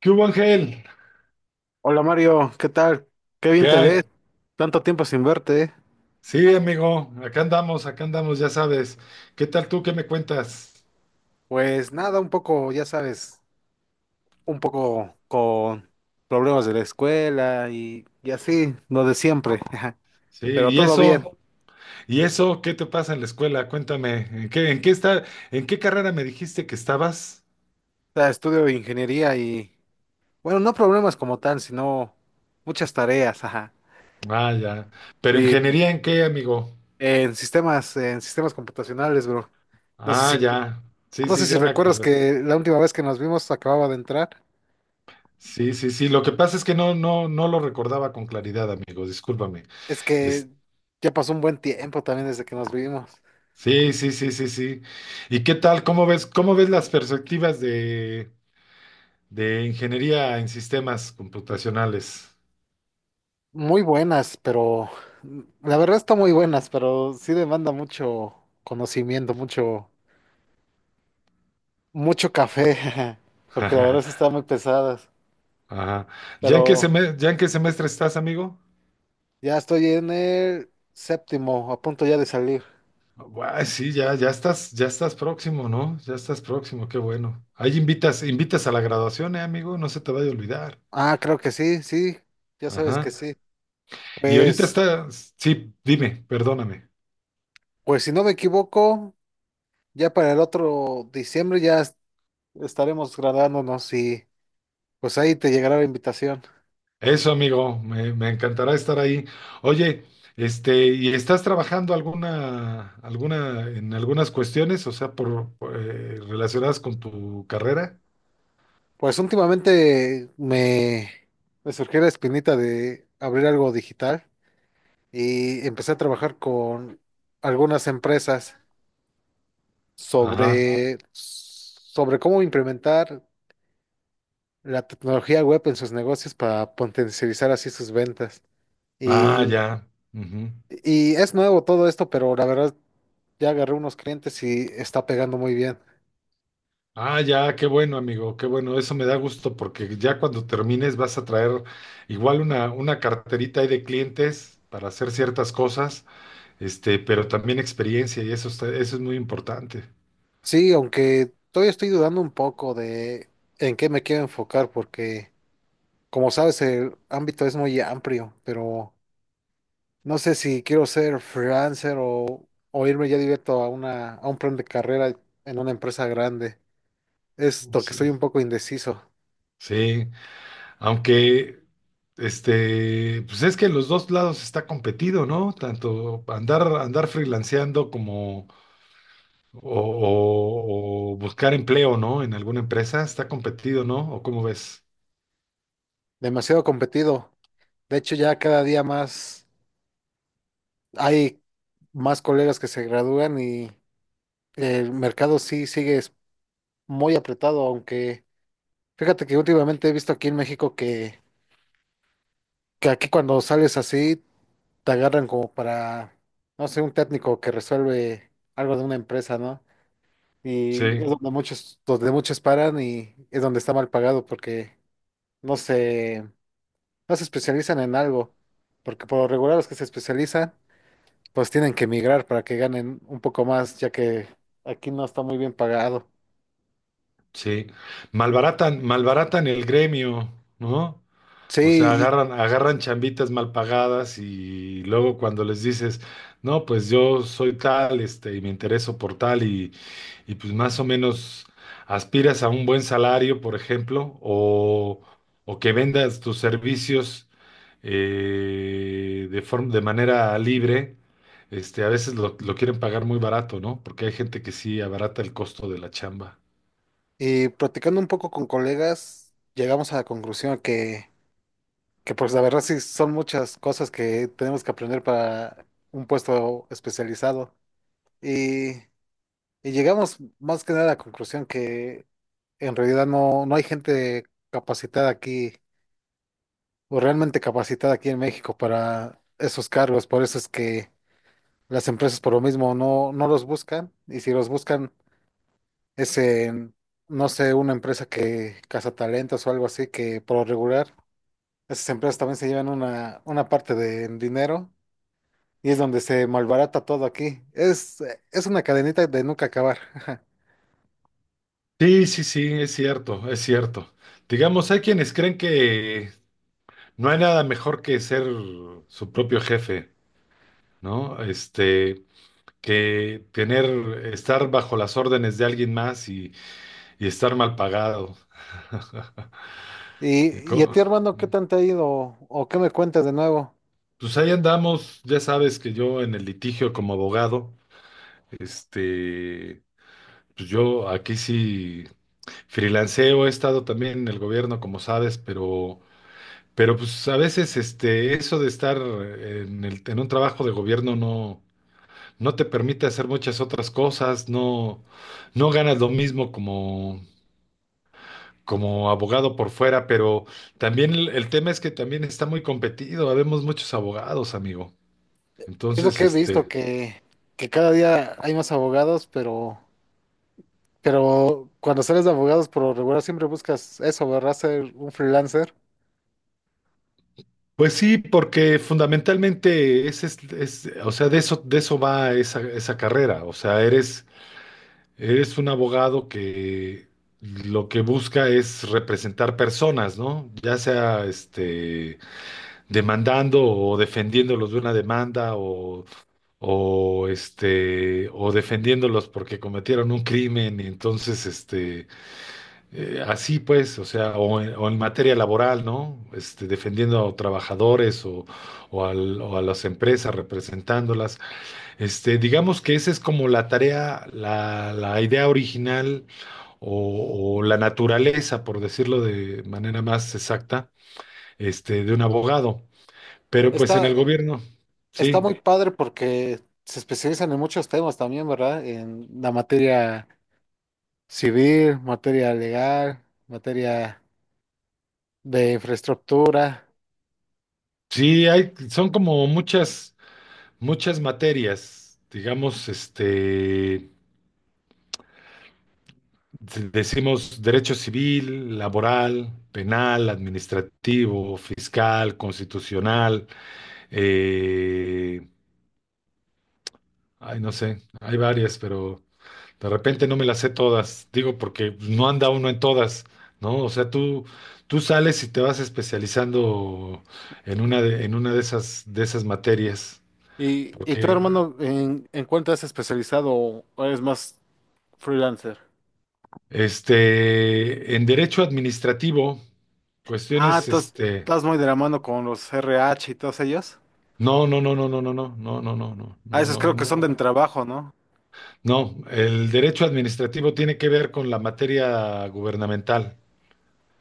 ¿Qué hubo, Ángel? Hola Mario, ¿qué tal? Qué bien ¿Qué te ves. hay? Tanto tiempo sin verte, ¿eh? Sí, amigo, acá andamos, ya sabes. ¿Qué tal tú? ¿Qué me cuentas? Pues nada, un poco, ya sabes, un poco con problemas de la escuela y así, lo de siempre. Sí, Pero ¿y todo bien. eso? O ¿Y eso? ¿Qué te pasa en la escuela? Cuéntame, ¿en qué está, en qué carrera me dijiste que estabas? sea, estudio ingeniería y, bueno, no problemas como tal, sino muchas tareas. Ajá. Ah, ya. ¿Pero Y ingeniería en qué, amigo? En sistemas computacionales, bro. No sé Ah, ya. Sí, no sé sí, si ya me recuerdas acordé. que la última vez que nos vimos acababa de entrar. Sí, sí, sí. Lo que pasa es que no lo recordaba con claridad, amigo. Discúlpame. Es que Es- ya pasó un buen tiempo también desde que nos vimos. sí, sí, sí, sí, sí. ¿Y qué tal? ¿Cómo ves las perspectivas de ingeniería en sistemas computacionales. Muy buenas, pero la verdad está muy buenas, pero sí demanda mucho conocimiento, mucho, mucho café, porque la verdad sí están muy pesadas. Ajá. Pero ¿ya en qué semestre estás, amigo? ya estoy en el séptimo, a punto ya de salir. Guay, sí, ya, ya estás próximo, ¿no? Ya estás próximo, qué bueno. Ahí invitas, invitas a la graduación, amigo, no se te vaya a olvidar. Ah, creo que sí, sí, ya sabes que Ajá. sí. Y ahorita Pues, está, sí, dime, perdóname. pues si no me equivoco, ya para el otro diciembre ya estaremos graduándonos y pues ahí te llegará la invitación. Eso, amigo, me encantará estar ahí. Oye, ¿y estás trabajando en algunas cuestiones, o sea, por relacionadas con tu carrera? Pues últimamente me surgió la espinita de abrir algo digital y empecé a trabajar con algunas empresas Ajá. Sobre cómo implementar la tecnología web en sus negocios para potencializar así sus ventas. Ah, Y, ya. Ujú. y es nuevo todo esto, pero la verdad ya agarré unos clientes y está pegando muy bien. Ah, ya, qué bueno, amigo, qué bueno. Eso me da gusto porque ya cuando termines vas a traer igual una carterita ahí de clientes para hacer ciertas cosas, pero también experiencia y eso es muy importante. Sí, aunque todavía estoy dudando un poco de en qué me quiero enfocar porque, como sabes, el ámbito es muy amplio, pero no sé si quiero ser freelancer o irme ya directo a a un plan de carrera en una empresa grande. Esto que estoy Sí, un poco indeciso, sí. Aunque, pues es que en los dos lados está competido, ¿no? Tanto andar freelanceando como o buscar empleo, ¿no? En alguna empresa está competido, ¿no? ¿O cómo ves? demasiado competido. De hecho, ya cada día más hay más colegas que se gradúan y el mercado sí sigue muy apretado, aunque fíjate que últimamente he visto aquí en México que aquí cuando sales así te agarran como para, no sé, un técnico que resuelve algo de una empresa, ¿no? Y Sí, es donde muchos paran y es donde está mal pagado porque no se, no se especializan en algo, porque por lo regular los que se especializan pues tienen que emigrar para que ganen un poco más, ya que aquí no está muy bien pagado. sí. Malbaratan, malbaratan el gremio, ¿no? O sea, Sí, agarran, agarran chambitas mal pagadas y luego cuando les dices, no, pues yo soy tal, y me intereso por tal, y pues más o menos aspiras a un buen salario, por ejemplo, o que vendas tus servicios de forma, de manera libre, a veces lo quieren pagar muy barato, ¿no? Porque hay gente que sí abarata el costo de la chamba. y platicando un poco con colegas, llegamos a la conclusión que pues la verdad sí son muchas cosas que tenemos que aprender para un puesto especializado. Y, y llegamos más que nada a la conclusión que en realidad no hay gente capacitada aquí, o realmente capacitada aquí en México, para esos cargos. Por eso es que las empresas por lo mismo no los buscan. Y si los buscan es en, no sé, una empresa que caza talentos o algo así, que por lo regular esas empresas también se llevan una parte de dinero. Y es donde se malbarata todo aquí. Es una cadenita de nunca acabar. Sí, sí, sí, es cierto, es cierto. Digamos, hay quienes creen que no hay nada mejor que ser su propio jefe, ¿no? Que tener, estar bajo las órdenes de alguien más y estar mal pagado. Y, y a Co- ti, hermano, ¿qué tanto ha ido? ¿O qué me cuentas de nuevo? Pues ahí andamos, ya sabes que yo en el litigio como abogado. Este, pues yo aquí sí freelanceo, he estado también en el gobierno, como sabes, pero pues a veces eso de estar en en un trabajo de gobierno no, no te permite hacer muchas otras cosas, no, no ganas lo mismo como, como abogado por fuera, pero también el tema es que también está muy competido, habemos muchos abogados, amigo. Es lo Entonces, que he visto, que cada día hay más abogados, pero cuando sales de abogados por lo regular siempre buscas eso, ¿verdad? Ser un freelancer. pues sí, porque fundamentalmente o sea, de eso va esa carrera. O sea, eres un abogado que lo que busca es representar personas, ¿no? Ya sea demandando o defendiéndolos de una demanda o, o defendiéndolos porque cometieron un crimen. Y entonces, así pues, o sea, o en materia laboral, ¿no? Este, defendiendo a trabajadores o, o a las empresas, representándolas. Digamos que esa es como la tarea, la idea original o la naturaleza, por decirlo de manera más exacta, de un abogado. Pero pues Está, en el gobierno, está sí, muy padre porque se especializan en muchos temas también, ¿verdad? En la materia civil, materia legal, materia de infraestructura. sí, hay, son como muchas materias, digamos. Este, decimos derecho civil, laboral, penal, administrativo, fiscal, constitucional, eh, ay, no sé, hay varias, pero de repente no me las sé todas, digo, porque no anda uno en todas, ¿no? O sea, tú sales y te vas especializando en una de esas materias, Y tú, porque hermano, en cuánto has especializado o eres más freelancer? En derecho administrativo, Ah, cuestiones, entonces estás muy de la mano con los RH y todos ellos. no, no, no, no, no, no, no, no, no, no, Ah, no, no, esos no, creo que son de no. trabajo, ¿no? No, el derecho administrativo tiene que ver con la materia gubernamental.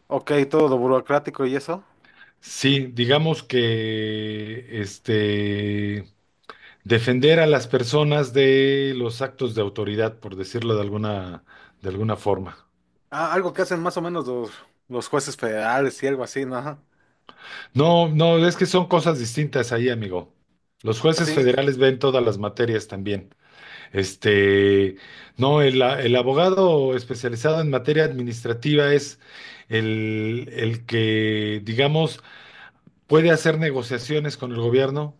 Ok, todo lo burocrático y eso. Sí, digamos que defender a las personas de los actos de autoridad, por decirlo de alguna forma. Ah, algo que hacen más o los jueces federales y algo así, ¿no? No, no, es que son cosas distintas ahí, amigo. Los jueces Así. federales ven todas las materias también. Este, no, el abogado especializado en materia administrativa es el que, digamos, puede hacer negociaciones con el gobierno,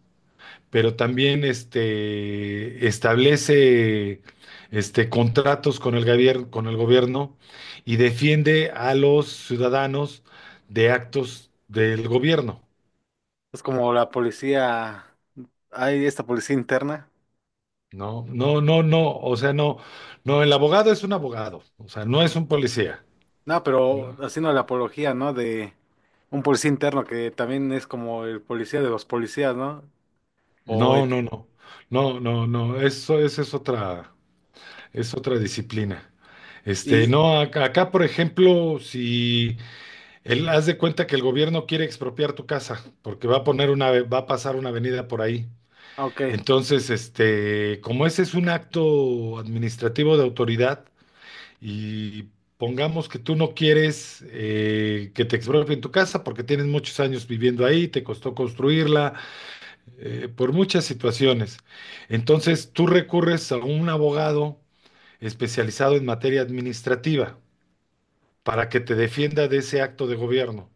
pero también establece contratos con el gobierno y defiende a los ciudadanos de actos del gobierno. Es como la policía, hay esta policía interna. No, no, no, no, o sea, no, no, el abogado es un abogado, o sea, no es un policía. No, pero ¿No? haciendo la apología, ¿no? De un policía interno que también es como el policía de los policías, ¿no? O No, el no, que- no. No, no, no. Eso, esa es otra disciplina. Y, No, acá, por ejemplo, si él haz de cuenta que el gobierno quiere expropiar tu casa, porque va a poner va a pasar una avenida por ahí. Ok, Entonces, como ese es un acto administrativo de autoridad, y pongamos que tú no quieres que te expropien tu casa porque tienes muchos años viviendo ahí, te costó construirla por muchas situaciones. Entonces, tú recurres a un abogado especializado en materia administrativa para que te defienda de ese acto de gobierno.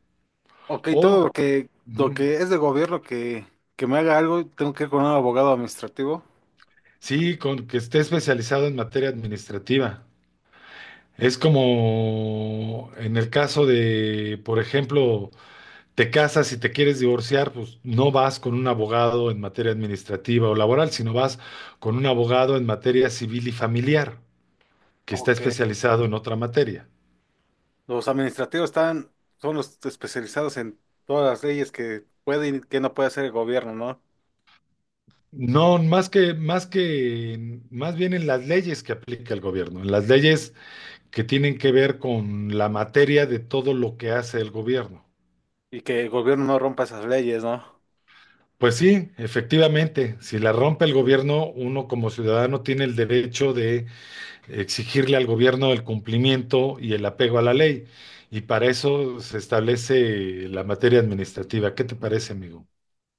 ok, todo O, lo ujú, que es de gobierno que me haga algo, tengo que ir con un abogado administrativo. sí, con que esté especializado en materia administrativa. Es como en el caso de, por ejemplo, te casas y te quieres divorciar, pues no vas con un abogado en materia administrativa o laboral, sino vas con un abogado en materia civil y familiar, que está Ok. especializado en otra materia. Los administrativos están, son los especializados en todas las leyes que puede y que no puede hacer el gobierno, ¿no? No, más bien en las leyes que aplica el gobierno, en las leyes que tienen que ver con la materia de todo lo que hace el gobierno. Y que el gobierno no rompa esas leyes, ¿no? Pues sí, efectivamente, si la rompe el gobierno, uno como ciudadano tiene el derecho de exigirle al gobierno el cumplimiento y el apego a la ley. Y para eso se establece la materia administrativa. ¿Qué te parece, amigo?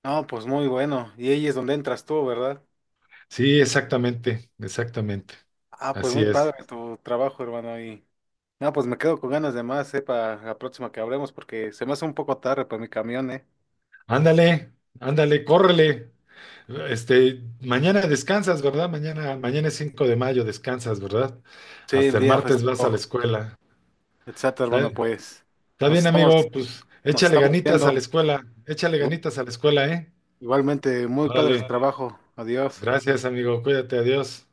No, pues muy bueno. Y ahí es donde entras tú, ¿verdad? Sí, exactamente, exactamente. Ah, pues Así muy es. padre tu trabajo, hermano. Y no, pues me quedo con ganas de más, ¿eh? Para la próxima que hablemos, porque se me hace un poco tarde para mi camión, ¿eh? Ándale, ándale, córrele. Mañana descansas, ¿verdad? Mañana, mañana es 5 de mayo, descansas, ¿verdad? Sí, Hasta el día martes vas a la festivo. escuela. Exacto, ¿Está, bueno, pues está nos bien, estamos, amigo? Pues nos échale estamos ganitas a viendo. la escuela, échale Igual- ganitas a la escuela, ¿eh? Igualmente, muy padre su Órale. trabajo. Adiós. Gracias, amigo. Cuídate, adiós.